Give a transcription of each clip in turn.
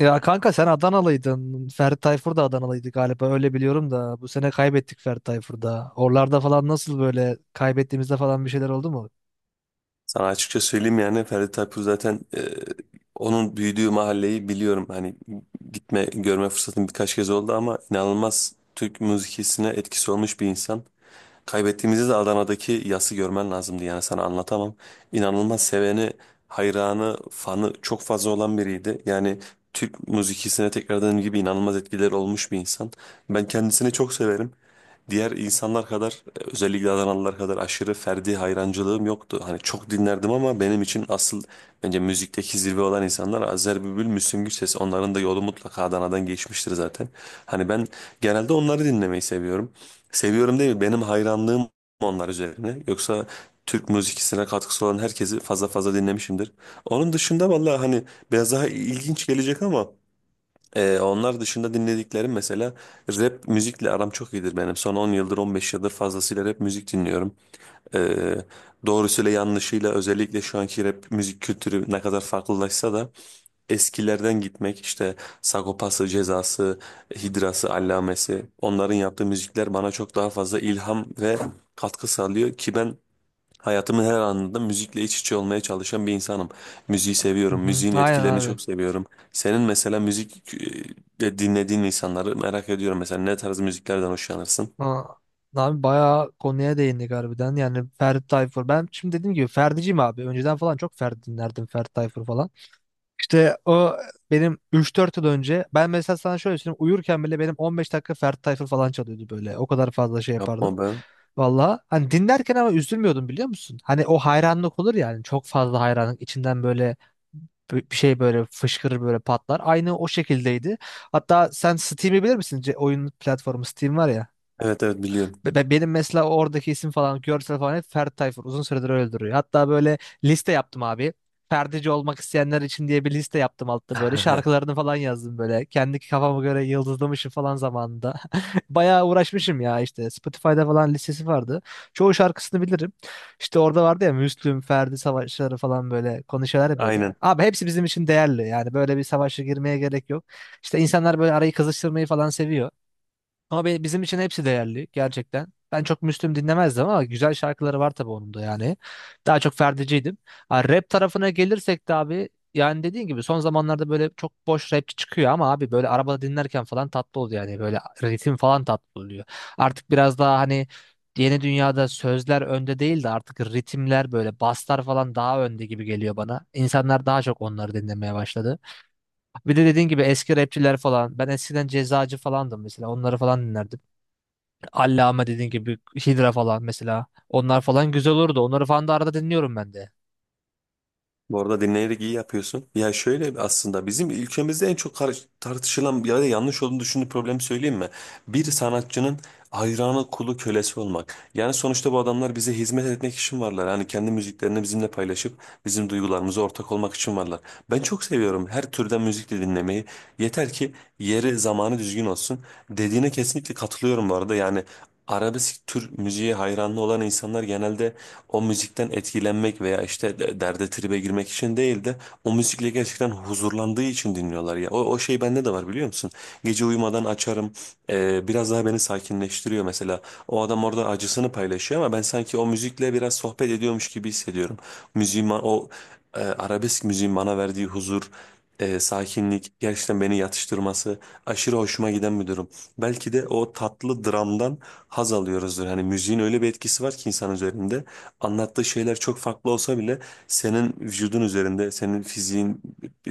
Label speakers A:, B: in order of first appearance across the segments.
A: Ya kanka sen Adanalıydın. Ferdi Tayfur da Adanalıydı galiba. Öyle biliyorum da. Bu sene kaybettik Ferdi Tayfur'da. Oralarda falan nasıl böyle kaybettiğimizde falan bir şeyler oldu mu?
B: Sana açıkça söyleyeyim yani Ferdi Tayfur zaten onun büyüdüğü mahalleyi biliyorum. Hani gitme görme fırsatım birkaç kez oldu ama inanılmaz Türk müzikisine etkisi olmuş bir insan. Kaybettiğimizde de Adana'daki yası görmen lazımdı yani sana anlatamam. İnanılmaz seveni, hayranı, fanı çok fazla olan biriydi. Yani Türk müzikisine tekrardan gibi inanılmaz etkileri olmuş bir insan. Ben kendisini çok severim diğer insanlar kadar özellikle Adanalılar kadar aşırı Ferdi hayrancılığım yoktu. Hani çok dinlerdim ama benim için asıl bence müzikteki zirve olan insanlar Azer Bülbül, Müslüm Gürses. Onların da yolu mutlaka Adana'dan geçmiştir zaten. Hani ben genelde onları dinlemeyi seviyorum. Seviyorum değil benim hayranlığım onlar üzerine. Yoksa Türk müzikisine katkısı olan herkesi fazla fazla dinlemişimdir. Onun dışında vallahi hani biraz daha ilginç gelecek ama onlar dışında dinlediklerim mesela rap müzikle aram çok iyidir benim. Son 10 yıldır 15 yıldır fazlasıyla rap müzik dinliyorum. Ee, doğrusuyla yanlışıyla özellikle şu anki rap müzik kültürü ne kadar farklılaşsa da eskilerden gitmek işte Sagopası, Cezası, Hidrası, Allamesi onların yaptığı müzikler bana çok daha fazla ilham ve katkı sağlıyor ki ben hayatımın her anında müzikle iç içe olmaya çalışan bir insanım. Müziği
A: Hı
B: seviyorum,
A: hı.
B: müziğin
A: Aynen
B: etkilerini
A: abi.
B: çok seviyorum. Senin mesela müzik dinlediğin insanları merak ediyorum. Mesela ne tarz müziklerden hoşlanırsın?
A: Aa, abi bayağı konuya değindik harbiden. Yani Ferdi Tayfur. Ben şimdi dediğim gibi Ferdi'ciyim abi. Önceden falan çok Ferdi dinlerdim. Ferdi Tayfur falan. İşte o benim 3-4 yıl önce ben mesela sana şöyle söyleyeyim uyurken bile benim 15 dakika Ferdi Tayfur falan çalıyordu böyle. O kadar fazla şey
B: Yapma
A: yapardım.
B: be.
A: Valla hani dinlerken ama üzülmüyordum biliyor musun? Hani o hayranlık olur ya hani çok fazla hayranlık içinden böyle bir şey böyle fışkırır böyle patlar. Aynı o şekildeydi. Hatta sen Steam'i bilir misin? Oyun platformu Steam var ya.
B: Evet evet biliyorum.
A: Benim mesela oradaki isim falan görsel falan hep Ferdi Tayfur. Uzun süredir öyle duruyor. Hatta böyle liste yaptım abi. Ferdici olmak isteyenler için diye bir liste yaptım altta böyle. Şarkılarını falan yazdım böyle. Kendi kafama göre yıldızlamışım falan zamanında. Bayağı uğraşmışım ya işte. Spotify'da falan listesi vardı. Çoğu şarkısını bilirim. İşte orada vardı ya Müslüm, Ferdi savaşları falan böyle konuşuyorlar ya böyle.
B: Aynen.
A: Abi hepsi bizim için değerli. Yani böyle bir savaşa girmeye gerek yok. İşte insanlar böyle arayı kızıştırmayı falan seviyor. Ama bizim için hepsi değerli gerçekten. Ben çok Müslüm dinlemezdim ama güzel şarkıları var tabii onun da yani. Daha çok Ferdi'ciydim. Ha, rap tarafına gelirsek de abi yani dediğin gibi son zamanlarda böyle çok boş rapçi çıkıyor ama abi böyle arabada dinlerken falan tatlı oluyor yani böyle ritim falan tatlı oluyor. Artık biraz daha hani yeni dünyada sözler önde değil de artık ritimler böyle baslar falan daha önde gibi geliyor bana. İnsanlar daha çok onları dinlemeye başladı. Bir de dediğin gibi eski rapçiler falan. Ben eskiden Cezacı falandım mesela. Onları falan dinlerdim. Allame dediğin gibi Hydra falan mesela. Onlar falan güzel olurdu. Onları falan da arada dinliyorum ben de.
B: Bu arada dinleyerek iyi yapıyorsun. Ya şöyle aslında bizim ülkemizde en çok tartışılan ya da yanlış olduğunu düşündüğüm problemi söyleyeyim mi? Bir sanatçının hayranı, kulu, kölesi olmak. Yani sonuçta bu adamlar bize hizmet etmek için varlar. Hani kendi müziklerini bizimle paylaşıp bizim duygularımıza ortak olmak için varlar. Ben çok seviyorum her türden müzik de dinlemeyi. Yeter ki yeri, zamanı düzgün olsun. Dediğine kesinlikle katılıyorum bu arada. Yani arabesk tür müziğe hayranlı olan insanlar genelde o müzikten etkilenmek veya işte derde tribe girmek için değil de o müzikle gerçekten huzurlandığı için dinliyorlar ya. O şey bende de var biliyor musun? Gece uyumadan açarım. Biraz daha beni sakinleştiriyor mesela. O adam orada acısını paylaşıyor ama ben sanki o müzikle biraz sohbet ediyormuş gibi hissediyorum. Müziğin ba- o e, arabesk müziğin bana verdiği huzur, sakinlik, gerçekten beni yatıştırması aşırı hoşuma giden bir durum. Belki de o tatlı dramdan haz alıyoruzdur. Hani müziğin öyle bir etkisi var ki insan üzerinde anlattığı şeyler çok farklı olsa bile senin vücudun üzerinde, senin fiziğin,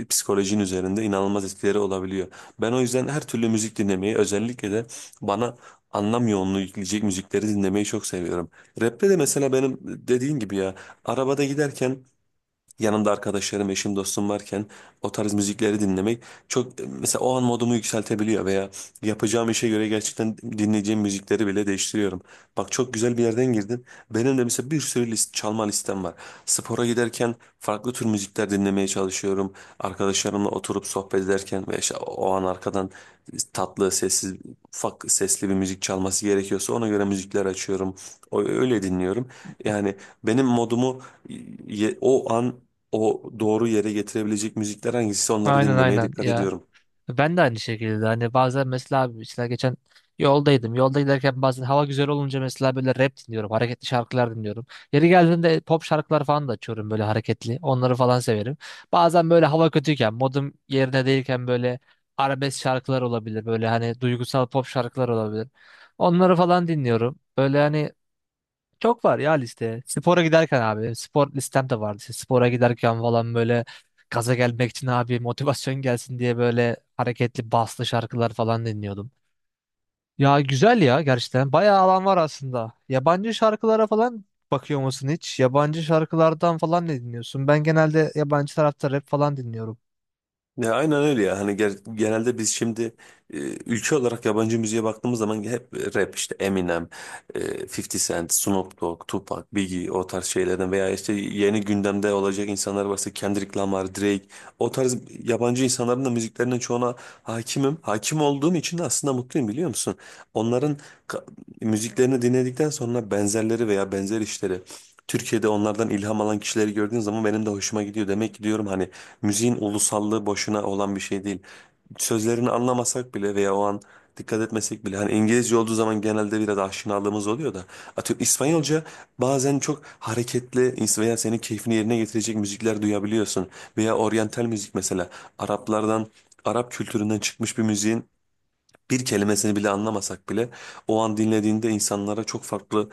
B: psikolojin üzerinde inanılmaz etkileri olabiliyor. Ben o yüzden her türlü müzik dinlemeyi, özellikle de bana anlam yoğunluğu yükleyecek müzikleri dinlemeyi çok seviyorum. Rap'te de mesela benim dediğin gibi ya, arabada giderken yanımda arkadaşlarım, eşim, dostum varken o tarz müzikleri dinlemek çok mesela o an modumu yükseltebiliyor veya yapacağım işe göre gerçekten dinleyeceğim müzikleri bile değiştiriyorum. Bak çok güzel bir yerden girdin. Benim de mesela bir sürü çalma listem var. Spora giderken farklı tür müzikler dinlemeye çalışıyorum. Arkadaşlarımla oturup sohbet ederken ve işte o an arkadan tatlı, sessiz, ufak sesli bir müzik çalması gerekiyorsa ona göre müzikler açıyorum. Öyle dinliyorum. Yani benim modumu o an o doğru yere getirebilecek müzikler hangisi onları
A: Aynen
B: dinlemeye
A: aynen
B: dikkat
A: ya.
B: ediyorum.
A: Ben de aynı şekilde hani bazen mesela abi mesela geçen yoldaydım. Yolda giderken bazen hava güzel olunca mesela böyle rap dinliyorum. Hareketli şarkılar dinliyorum. Yeri geldiğinde pop şarkılar falan da açıyorum böyle hareketli. Onları falan severim. Bazen böyle hava kötüyken modum yerine değilken böyle arabesk şarkılar olabilir. Böyle hani duygusal pop şarkılar olabilir. Onları falan dinliyorum. Böyle hani çok var ya liste. Spora giderken abi. Spor listem de vardı. İşte spora giderken falan böyle gaza gelmek için abi motivasyon gelsin diye böyle hareketli baslı şarkılar falan dinliyordum. Ya güzel ya gerçekten. Bayağı alan var aslında. Yabancı şarkılara falan bakıyor musun hiç? Yabancı şarkılardan falan ne dinliyorsun? Ben genelde yabancı tarafta rap falan dinliyorum.
B: Ya aynen öyle ya. Hani genelde biz şimdi e, ülke olarak yabancı müziğe baktığımız zaman hep rap işte Eminem, 50 Cent, Snoop Dogg, Tupac, Biggie o tarz şeylerden veya işte yeni gündemde olacak insanlar varsa Kendrick Lamar, Drake o tarz yabancı insanların da müziklerinin çoğuna hakimim. Hakim olduğum için de aslında mutluyum biliyor musun? Onların ka- müziklerini dinledikten sonra benzerleri veya benzer işleri Türkiye'de onlardan ilham alan kişileri gördüğün zaman benim de hoşuma gidiyor. Demek ki diyorum hani müziğin ulusallığı boşuna olan bir şey değil. Sözlerini anlamasak bile veya o an dikkat etmesek bile hani İngilizce olduğu zaman genelde biraz aşinalığımız oluyor da atıyorum İspanyolca bazen çok hareketli veya senin keyfini yerine getirecek müzikler duyabiliyorsun veya oryantal müzik mesela Araplardan Arap kültüründen çıkmış bir müziğin bir kelimesini bile anlamasak bile o an dinlediğinde insanlara çok farklı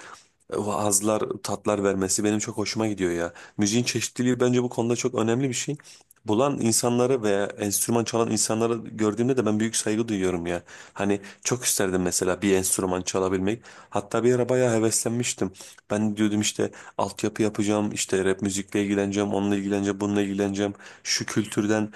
B: hazlar, tatlar vermesi benim çok hoşuma gidiyor ya. Müziğin çeşitliliği bence bu konuda çok önemli bir şey. Bulan insanları veya enstrüman çalan insanları gördüğümde de ben büyük saygı duyuyorum ya. Hani çok isterdim mesela bir enstrüman çalabilmek. Hatta bir ara bayağı heveslenmiştim. Ben diyordum işte altyapı yapacağım, işte rap müzikle ilgileneceğim, onunla ilgileneceğim, bununla ilgileneceğim. Şu kültürden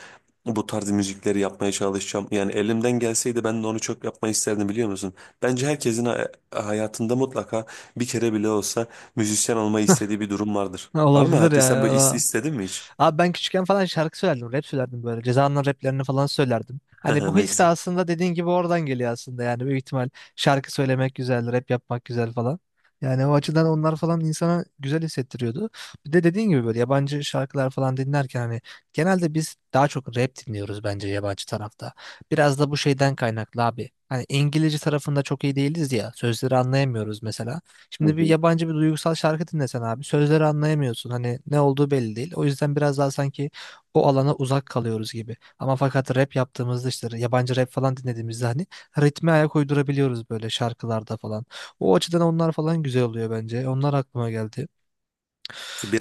B: bu tarz müzikleri yapmaya çalışacağım. Yani elimden gelseydi ben de onu çok yapmayı isterdim biliyor musun? Bence herkesin hayatında mutlaka bir kere bile olsa müzisyen olmayı istediği bir durum vardır.
A: Ha,
B: Var mı?
A: olabilir
B: Hatta
A: ya.
B: sen böyle
A: Ya.
B: istedin mi hiç?
A: Abi ben küçükken falan şarkı söylerdim, rap söylerdim böyle. Ceza'nın raplerini falan söylerdim. Hani bu
B: Ne
A: his de
B: güzel.
A: aslında dediğin gibi oradan geliyor aslında. Yani büyük ihtimal şarkı söylemek güzel, rap yapmak güzel falan. Yani o açıdan onlar falan insana güzel hissettiriyordu. Bir de dediğin gibi böyle yabancı şarkılar falan dinlerken hani genelde biz daha çok rap dinliyoruz bence yabancı tarafta. Biraz da bu şeyden kaynaklı abi. Hani İngilizce tarafında çok iyi değiliz ya. Sözleri anlayamıyoruz mesela.
B: Hı
A: Şimdi bir
B: hı.
A: yabancı bir duygusal şarkı dinlesen abi sözleri anlayamıyorsun. Hani ne olduğu belli değil. O yüzden biraz daha sanki o alana uzak kalıyoruz gibi. Ama fakat rap yaptığımızda işte yabancı rap falan dinlediğimizde hani ritme ayak uydurabiliyoruz böyle şarkılarda falan. O açıdan onlar falan güzel oluyor bence. Onlar aklıma geldi.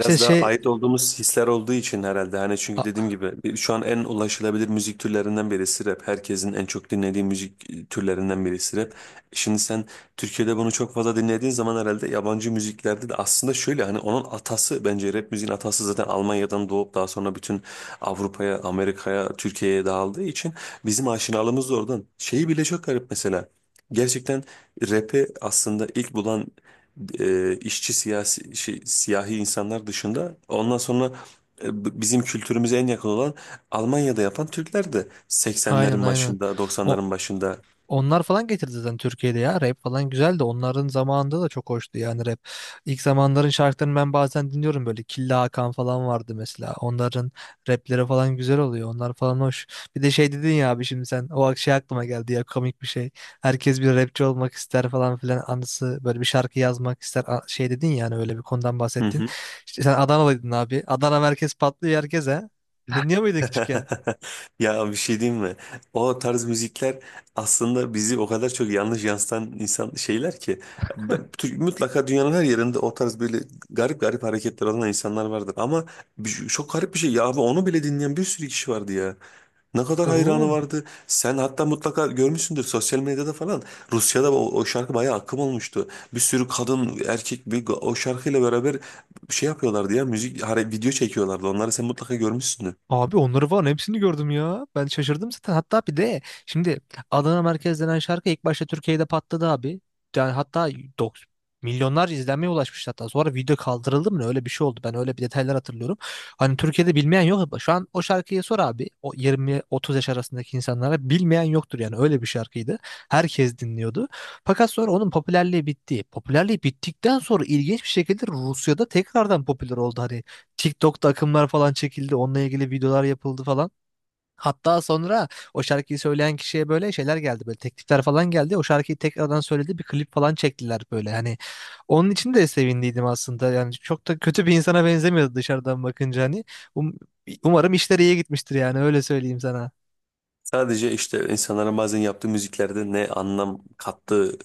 A: İşte
B: da
A: şey
B: ait olduğumuz hisler olduğu için herhalde hani çünkü dediğim
A: a-
B: gibi şu an en ulaşılabilir müzik türlerinden birisi rap. Herkesin en çok dinlediği müzik türlerinden birisi rap. Şimdi sen Türkiye'de bunu çok fazla dinlediğin zaman herhalde yabancı müziklerde de aslında şöyle hani onun atası bence rap müziğin atası zaten Almanya'dan doğup daha sonra bütün Avrupa'ya, Amerika'ya, Türkiye'ye dağıldığı için bizim aşinalığımız da oradan. Şeyi bile çok garip mesela. Gerçekten rap'i aslında ilk bulan işçi siyasi şey, siyahi insanlar dışında ondan sonra bizim kültürümüze en yakın olan Almanya'da yapan Türkler de
A: aynen
B: 80'lerin
A: aynen.
B: başında
A: O
B: 90'ların başında.
A: onlar falan getirdi zaten Türkiye'de ya rap falan güzel de onların zamanında da çok hoştu yani rap. İlk zamanların şarkılarını ben bazen dinliyorum böyle Killa Hakan falan vardı mesela. Onların rapleri falan güzel oluyor. Onlar falan hoş. Bir de şey dedin ya abi şimdi sen o şey aklıma geldi ya komik bir şey. Herkes bir rapçi olmak ister falan filan anısı böyle bir şarkı yazmak ister şey dedin yani öyle bir konudan
B: Hı
A: bahsettin.
B: hı.
A: İşte sen Adanalıydın abi. Adana merkez patlıyor herkese. Dinliyor muydun küçükken?
B: Ya bir şey diyeyim mi? O tarz müzikler aslında bizi o kadar çok yanlış yansıtan insan şeyler ki mutlaka dünyanın her yerinde o tarz böyle garip garip hareketler olan insanlar vardır ama çok garip bir şey ya abi onu bile dinleyen bir sürü kişi vardı ya. Ne kadar hayranı
A: Oğlum,
B: vardı. Sen hatta mutlaka görmüşsündür sosyal medyada falan. Rusya'da o şarkı bayağı akım olmuştu. Bir sürü kadın, erkek o şarkıyla beraber şey yapıyorlardı ya müzik video çekiyorlardı. Onları sen mutlaka görmüşsündür.
A: abi onları falan hepsini gördüm ya. Ben şaşırdım zaten. Hatta bir de şimdi Adana Merkez denen şarkı ilk başta Türkiye'de patladı abi. Yani hatta milyonlarca izlenmeye ulaşmış hatta. Sonra video kaldırıldı mı ne? Öyle bir şey oldu. Ben öyle bir detaylar hatırlıyorum. Hani Türkiye'de bilmeyen yok. Şu an o şarkıyı sor abi. O 20-30 yaş arasındaki insanlara bilmeyen yoktur yani. Öyle bir şarkıydı. Herkes dinliyordu. Fakat sonra onun popülerliği bitti. Popülerliği bittikten sonra ilginç bir şekilde Rusya'da tekrardan popüler oldu. Hani TikTok'ta akımlar falan çekildi. Onunla ilgili videolar yapıldı falan. Hatta sonra o şarkıyı söyleyen kişiye böyle şeyler geldi böyle teklifler falan geldi. O şarkıyı tekrardan söyledi bir klip falan çektiler böyle. Hani onun için de sevindiydim aslında. Yani çok da kötü bir insana benzemiyordu dışarıdan bakınca hani. Um- Umarım işleri iyi gitmiştir yani öyle söyleyeyim sana.
B: Sadece işte insanların bazen yaptığı müziklerde ne anlam kattığı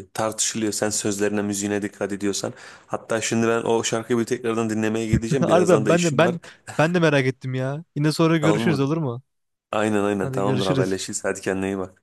B: tartışılıyor. Sen sözlerine, müziğine dikkat ediyorsan. Hatta şimdi ben o şarkıyı bir tekrardan dinlemeye gideceğim. Birazdan
A: Harbiden
B: da
A: ben de
B: işim var.
A: ben de merak ettim ya. Yine sonra
B: Tamam
A: görüşürüz
B: mı?
A: olur mu?
B: Aynen aynen
A: Hadi
B: tamamdır
A: görüşürüz.
B: haberleşiriz. Hadi kendine iyi bak.